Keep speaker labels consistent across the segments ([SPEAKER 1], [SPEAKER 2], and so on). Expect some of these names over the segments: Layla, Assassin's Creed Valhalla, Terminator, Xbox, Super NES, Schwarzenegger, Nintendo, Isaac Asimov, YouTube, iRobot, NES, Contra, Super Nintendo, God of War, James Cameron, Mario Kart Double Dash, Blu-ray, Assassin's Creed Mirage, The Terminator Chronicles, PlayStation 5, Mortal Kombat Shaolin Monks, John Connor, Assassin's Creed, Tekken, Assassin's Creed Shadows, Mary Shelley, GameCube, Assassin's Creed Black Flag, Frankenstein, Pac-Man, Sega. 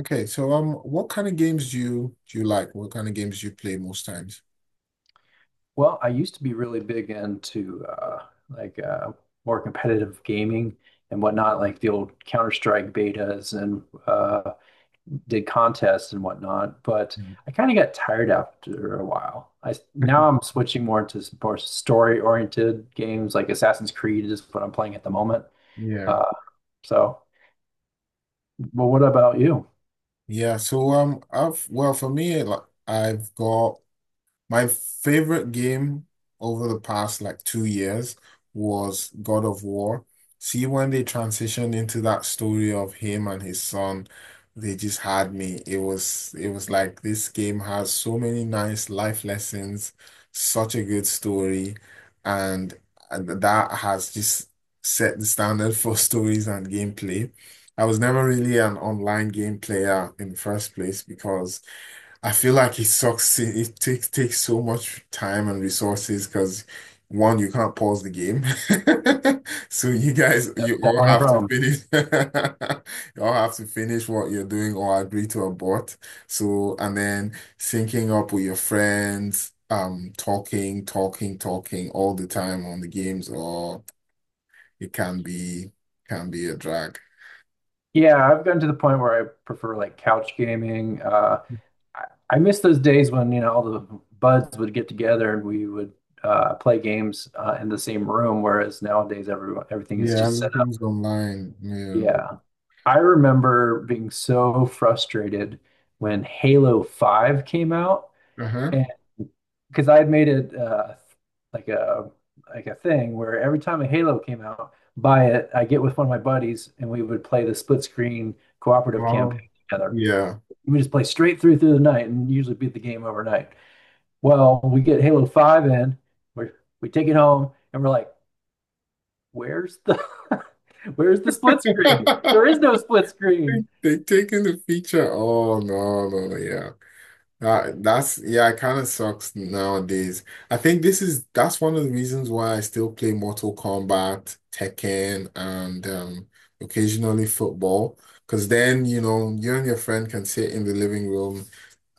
[SPEAKER 1] Okay, so what kind of games do you like? What kind of games do you play most times?
[SPEAKER 2] Well, I used to be really big into like more competitive gaming and whatnot, like the old Counter-Strike betas and did contests and whatnot. But
[SPEAKER 1] Mm.
[SPEAKER 2] I kind of got tired after a while. I'm switching more to more story-oriented games, like Assassin's Creed is what I'm playing at the moment.
[SPEAKER 1] Yeah,
[SPEAKER 2] Uh, so, but what about you?
[SPEAKER 1] yeah. So I've well, for me, like I've got my favorite game over the past like 2 years was God of War. See, when they transitioned into that story of him and his son, they just had me. It was like this game has so many nice life lessons, such a good story, and that has just set the standard for stories and gameplay. I was never really an online game player in the first place because I feel like it sucks. It takes so much time and resources because, one, you can't pause the game. So you guys, you
[SPEAKER 2] That's
[SPEAKER 1] all
[SPEAKER 2] definitely a
[SPEAKER 1] have to
[SPEAKER 2] problem.
[SPEAKER 1] finish. You all have to finish what you're doing, or agree to a bot. So and then, syncing up with your friends, talking all the time on the games, or it can be a drag.
[SPEAKER 2] Yeah, I've gotten to the point where I prefer like couch gaming. I I miss those days when, you know, all the buds would get together and we would play games in the same room, whereas nowadays everyone everything is
[SPEAKER 1] Yeah,
[SPEAKER 2] just set up.
[SPEAKER 1] everything's online. Yeah.
[SPEAKER 2] Yeah. I remember being so frustrated when Halo 5 came out
[SPEAKER 1] Uh-huh.
[SPEAKER 2] and because I had made it like a like a thing where every time a Halo came out, buy it, I get with one of my buddies and we would play the split screen cooperative
[SPEAKER 1] Wow.
[SPEAKER 2] campaign together.
[SPEAKER 1] Yeah.
[SPEAKER 2] We just play straight through the night and usually beat the game overnight. Well, we get Halo 5 in, we we take it home, and we're like, where's the where's the split screen? There is no split screen.
[SPEAKER 1] They taking the feature. Oh, no, no, no, yeah.
[SPEAKER 2] Yeah.
[SPEAKER 1] That's, yeah, it kind of sucks nowadays. I think this is that's one of the reasons why I still play Mortal Kombat, Tekken, and occasionally football. Because then, you and your friend can sit in the living room.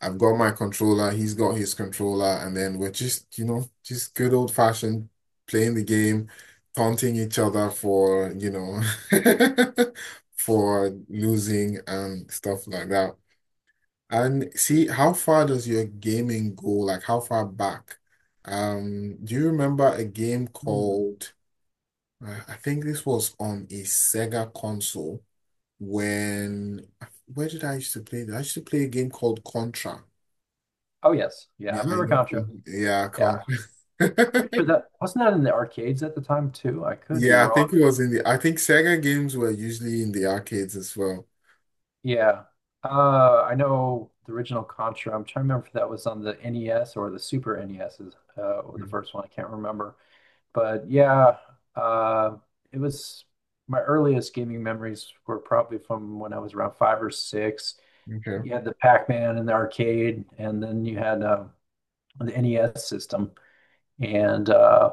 [SPEAKER 1] I've got my controller, he's got his controller, and then we're just good old fashioned playing the game, taunting each other for losing and stuff like that. And see, how far does your gaming go? Like, how far back? Do you remember a game
[SPEAKER 2] Hmm.
[SPEAKER 1] called, I think this was on a Sega console when, where did I used to play this? I used to play a game called Contra.
[SPEAKER 2] Oh yes. Yeah, I
[SPEAKER 1] Yeah, I
[SPEAKER 2] remember
[SPEAKER 1] know.
[SPEAKER 2] Contra.
[SPEAKER 1] Yeah,
[SPEAKER 2] Yeah.
[SPEAKER 1] Contra.
[SPEAKER 2] I'm pretty sure that wasn't that in the arcades at the time too. I could be
[SPEAKER 1] Yeah, I
[SPEAKER 2] wrong.
[SPEAKER 1] think it was I think Sega games were usually in the arcades as well.
[SPEAKER 2] Yeah. I know the original Contra. I'm trying to remember if that was on the NES or the Super NES is or the
[SPEAKER 1] Mm.
[SPEAKER 2] first one. I can't remember. But yeah, uh, it was my earliest gaming memories were probably from when I was around five or six.
[SPEAKER 1] Okay.
[SPEAKER 2] You had the Pac-Man in the arcade, and then you had the NES system. And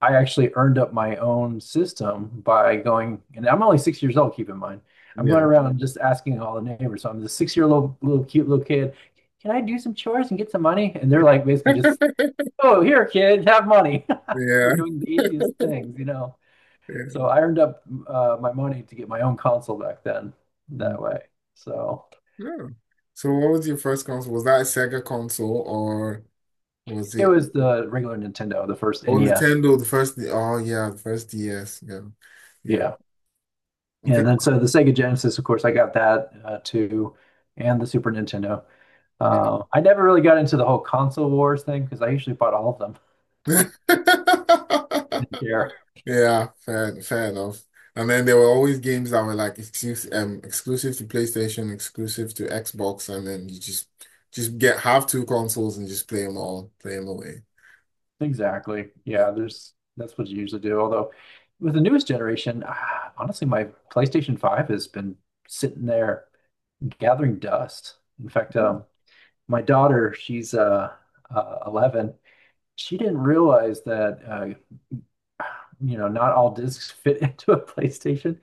[SPEAKER 2] I actually earned up my own system by going, and I'm only six years old, keep in mind. I'm going
[SPEAKER 1] Yeah.
[SPEAKER 2] around and just asking all the neighbors. So I'm the six-year-old little cute little kid. Can I do some chores and get some money? And they're like basically just, oh, here, kid, have money for
[SPEAKER 1] Yeah.
[SPEAKER 2] doing the easiest things, you know.
[SPEAKER 1] Yeah.
[SPEAKER 2] So I earned up my money to get my own console back then
[SPEAKER 1] Mm.
[SPEAKER 2] that way. So
[SPEAKER 1] Yeah. So what was your first console? Was that a Sega console, or was
[SPEAKER 2] it
[SPEAKER 1] it?
[SPEAKER 2] was the regular Nintendo, the first
[SPEAKER 1] Oh,
[SPEAKER 2] NES.
[SPEAKER 1] Nintendo, the first. Oh, yeah, the first DS. Yeah, yeah.
[SPEAKER 2] Yeah.
[SPEAKER 1] I
[SPEAKER 2] And
[SPEAKER 1] think.
[SPEAKER 2] then so the Sega Genesis, of course, I got that too, and the Super Nintendo.
[SPEAKER 1] Yeah.
[SPEAKER 2] I never really got into the whole console wars thing because I usually bought all of them. Didn't care.
[SPEAKER 1] Yeah, fair, fair enough. And then there were always games that were like exclusive, exclusive to PlayStation, exclusive to Xbox, and then you just get have two consoles and just play them all, play them away.
[SPEAKER 2] Exactly.
[SPEAKER 1] Yeah,
[SPEAKER 2] Yeah, there's that's what you usually do. Although with the newest generation, ah, honestly, my PlayStation 5 has been sitting there gathering dust. In fact, my daughter, she's 11. She didn't realize that you know, not all discs fit into a PlayStation.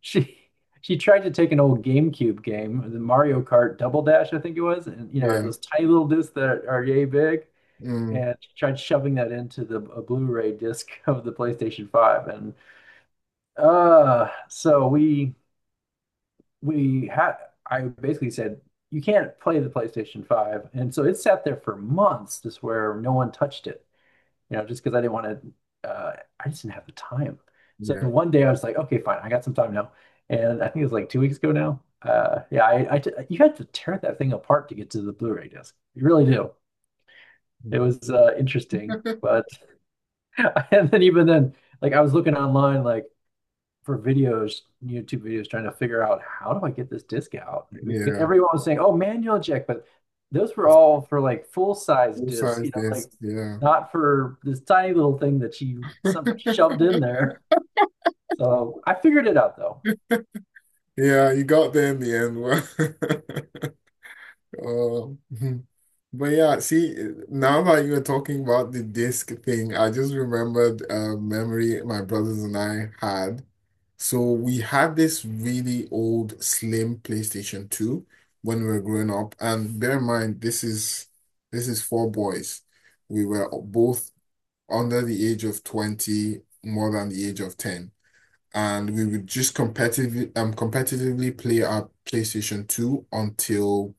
[SPEAKER 2] She she tried to take an old GameCube game, the Mario Kart Double Dash, I think it was, and you know,
[SPEAKER 1] yeah,
[SPEAKER 2] those tiny little discs that are yay big,
[SPEAKER 1] mm,
[SPEAKER 2] and she tried shoving that into the a Blu-ray disc of the PlayStation 5 and so we had I basically said you can't play the PlayStation 5. And so it sat there for months just where no one touched it, you know, just because I didn't want to, I just didn't have the time. So
[SPEAKER 1] yeah,
[SPEAKER 2] one day I was like, okay, fine, I got some time now. And I think it was like 2 weeks ago now. Yeah, you had to tear that thing apart to get to the Blu-ray disc. You really do. It
[SPEAKER 1] mm.
[SPEAKER 2] was interesting, but and then even then, like I was looking online, like for videos, YouTube videos, trying to figure out how do I get this disc out? Because
[SPEAKER 1] Yeah.
[SPEAKER 2] everyone was saying, "Oh, manual eject," but those were all for like full size
[SPEAKER 1] Full
[SPEAKER 2] discs,
[SPEAKER 1] size
[SPEAKER 2] you know, like
[SPEAKER 1] discs. Yeah,
[SPEAKER 2] not for this tiny little thing that you some shoved in there. So I figured it out though.
[SPEAKER 1] yeah. You got there in the end. Oh. But yeah, see, now that you were talking about the disc thing, I just remembered a memory my brothers and I had. So we had this really old slim PlayStation 2 when we were growing up. And bear in mind, this is four boys. We were both under the age of 20, more than the age of 10, and we would just competitively play our PlayStation 2 until,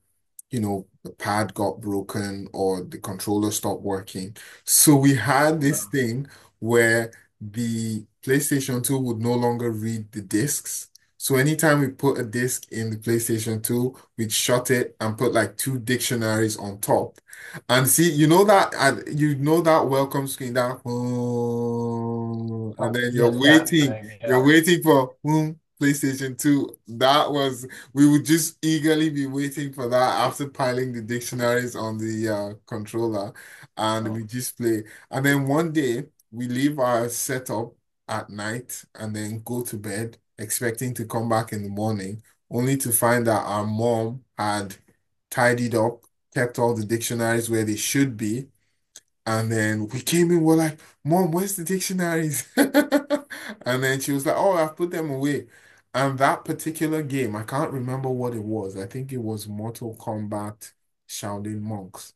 [SPEAKER 1] the pad got broken or the controller stopped working. So we had
[SPEAKER 2] Oh
[SPEAKER 1] this
[SPEAKER 2] no!
[SPEAKER 1] thing where the PlayStation 2 would no longer read the discs. So anytime we put a disc in the PlayStation 2, we'd shut it and put like two dictionaries on top. And see, you know that, and you know that welcome screen, that, oh, and
[SPEAKER 2] Oh
[SPEAKER 1] then you're
[SPEAKER 2] yes, that
[SPEAKER 1] waiting
[SPEAKER 2] thing.
[SPEAKER 1] you're
[SPEAKER 2] Yeah.
[SPEAKER 1] waiting for whom? PlayStation 2. That was, we would just eagerly be waiting for that after piling the dictionaries on the controller, and
[SPEAKER 2] Oh,
[SPEAKER 1] we just play. And then one day we leave our setup at night and then go to bed, expecting to come back in the morning, only to find that our mom had tidied up, kept all the dictionaries where they should be, and then we came in, we're like, "Mom, where's the dictionaries?" And then she was like, "Oh, I've put them away." And that particular game, I can't remember what it was. I think it was Mortal Kombat Shaolin Monks.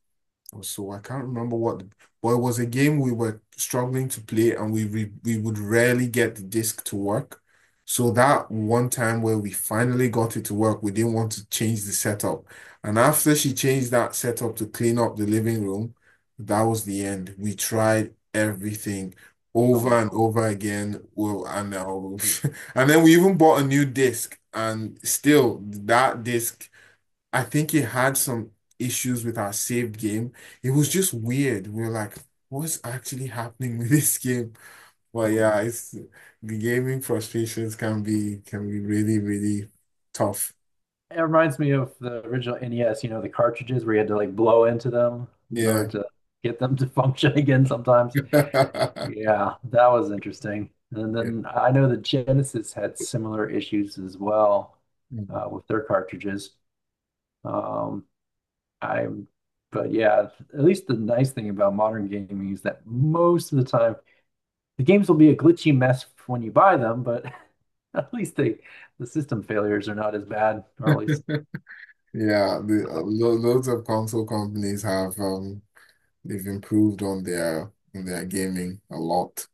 [SPEAKER 1] So I can't remember but it was a game we were struggling to play, and we would rarely get the disc to work. So that one time where we finally got it to work, we didn't want to change the setup. And after she changed that setup to clean up the living room, that was the end. We tried everything
[SPEAKER 2] oh
[SPEAKER 1] over and
[SPEAKER 2] no!
[SPEAKER 1] over again. Well, and and then we even bought a new disc, and still that disc. I think it had some issues with our saved game. It was just weird. We were like, what's actually happening with this game? But
[SPEAKER 2] Oh
[SPEAKER 1] yeah,
[SPEAKER 2] man!
[SPEAKER 1] it's the gaming frustrations can be really, really tough.
[SPEAKER 2] It reminds me of the original NES. You know, the cartridges where you had to like blow into them in order
[SPEAKER 1] Yeah.
[SPEAKER 2] to get them to function again. Sometimes. Yeah, that was interesting. And
[SPEAKER 1] Yeah.
[SPEAKER 2] then I know that Genesis had similar issues as well with their cartridges. Um, I But yeah, at least the nice thing about modern gaming is that most of the time the games will be a glitchy mess when you buy them, but at least the system failures are not as bad, or at least
[SPEAKER 1] Yeah, the
[SPEAKER 2] um,
[SPEAKER 1] lo loads of console companies have they've improved on their gaming a lot.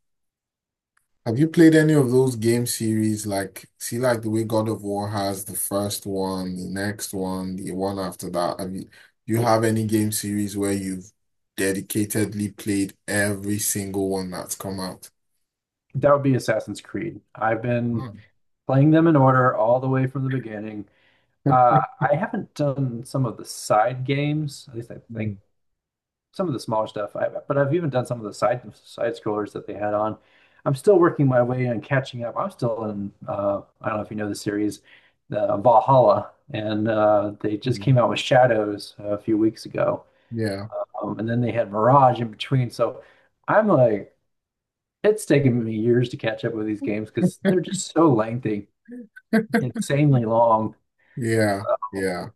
[SPEAKER 1] Have you played any of those game series? Like, see, like the way God of War has the first one, the next one, the one after that. Do you have any game series where you've dedicatedly played every single one that's come out?
[SPEAKER 2] that would be Assassin's Creed. I've been
[SPEAKER 1] Mm,
[SPEAKER 2] playing them in order all the way from the beginning. I haven't done some of the side games, at least I think
[SPEAKER 1] mm,
[SPEAKER 2] some of the smaller stuff. I've even done some of the side scrollers that they had on. I'm still working my way on catching up. I'm still in. I don't know if you know the series, the Valhalla, and they just
[SPEAKER 1] mm.
[SPEAKER 2] came out with Shadows a few weeks ago,
[SPEAKER 1] Yeah,
[SPEAKER 2] and then they had Mirage in between. So I'm like, it's taken me years to catch up with these games because they're just so lengthy, insanely long.
[SPEAKER 1] yeah,
[SPEAKER 2] So.
[SPEAKER 1] yeah.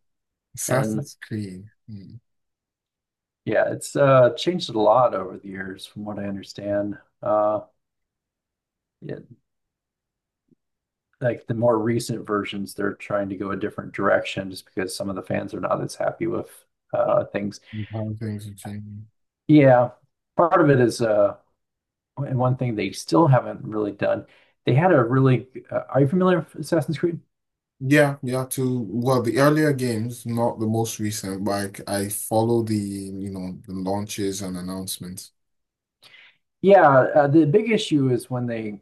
[SPEAKER 2] And
[SPEAKER 1] Assassin's Creed. Mm.
[SPEAKER 2] yeah, it's changed a lot over the years from what I understand. Uh yeah, like the more recent versions, they're trying to go a different direction just because some of the fans are not as happy with things.
[SPEAKER 1] You Things are changing.
[SPEAKER 2] Yeah, part of it is and one thing they still haven't really done. They had a really are you familiar with Assassin's Creed?
[SPEAKER 1] Yeah, yeah. To well, the earlier games, not the most recent. Like I follow the you know the launches and announcements.
[SPEAKER 2] Yeah, the big issue is when they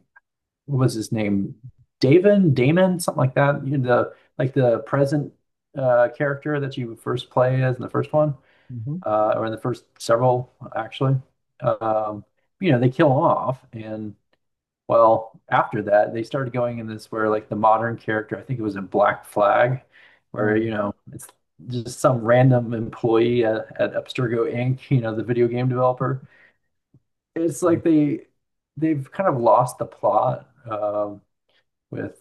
[SPEAKER 2] what was his name? Davin, Damon, something like that. You know, the like the present character that you first play as in the first one.
[SPEAKER 1] Mm-hmm.
[SPEAKER 2] Uh, or the first several, actually, um, you know, they kill off. And well, after that, they started going in this where, like, the modern character, I think it was in Black Flag, where, you know, it's just some random employee at, Abstergo Inc., you know, the video game developer. It's like they've kind of lost the plot with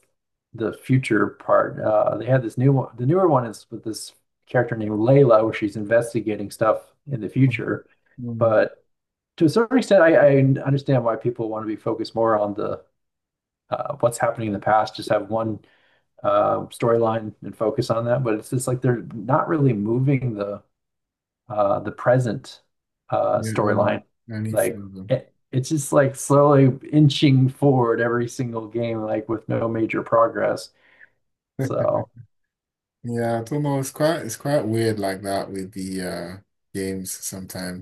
[SPEAKER 2] the future part. They had this new one. The newer one is with this character named Layla, where she's investigating stuff in the
[SPEAKER 1] Mhm.
[SPEAKER 2] future,
[SPEAKER 1] Mm.
[SPEAKER 2] but to a certain extent, I understand why people want to be focused more on the what's happening in the past, just have one storyline and focus on that. But it's just like they're not really moving the present
[SPEAKER 1] Yeah, any
[SPEAKER 2] storyline.
[SPEAKER 1] any
[SPEAKER 2] Like
[SPEAKER 1] further.
[SPEAKER 2] it's just like slowly inching forward every single game, like with no major progress. So.
[SPEAKER 1] Yeah, I don't know. It's quite weird like that with the games sometimes.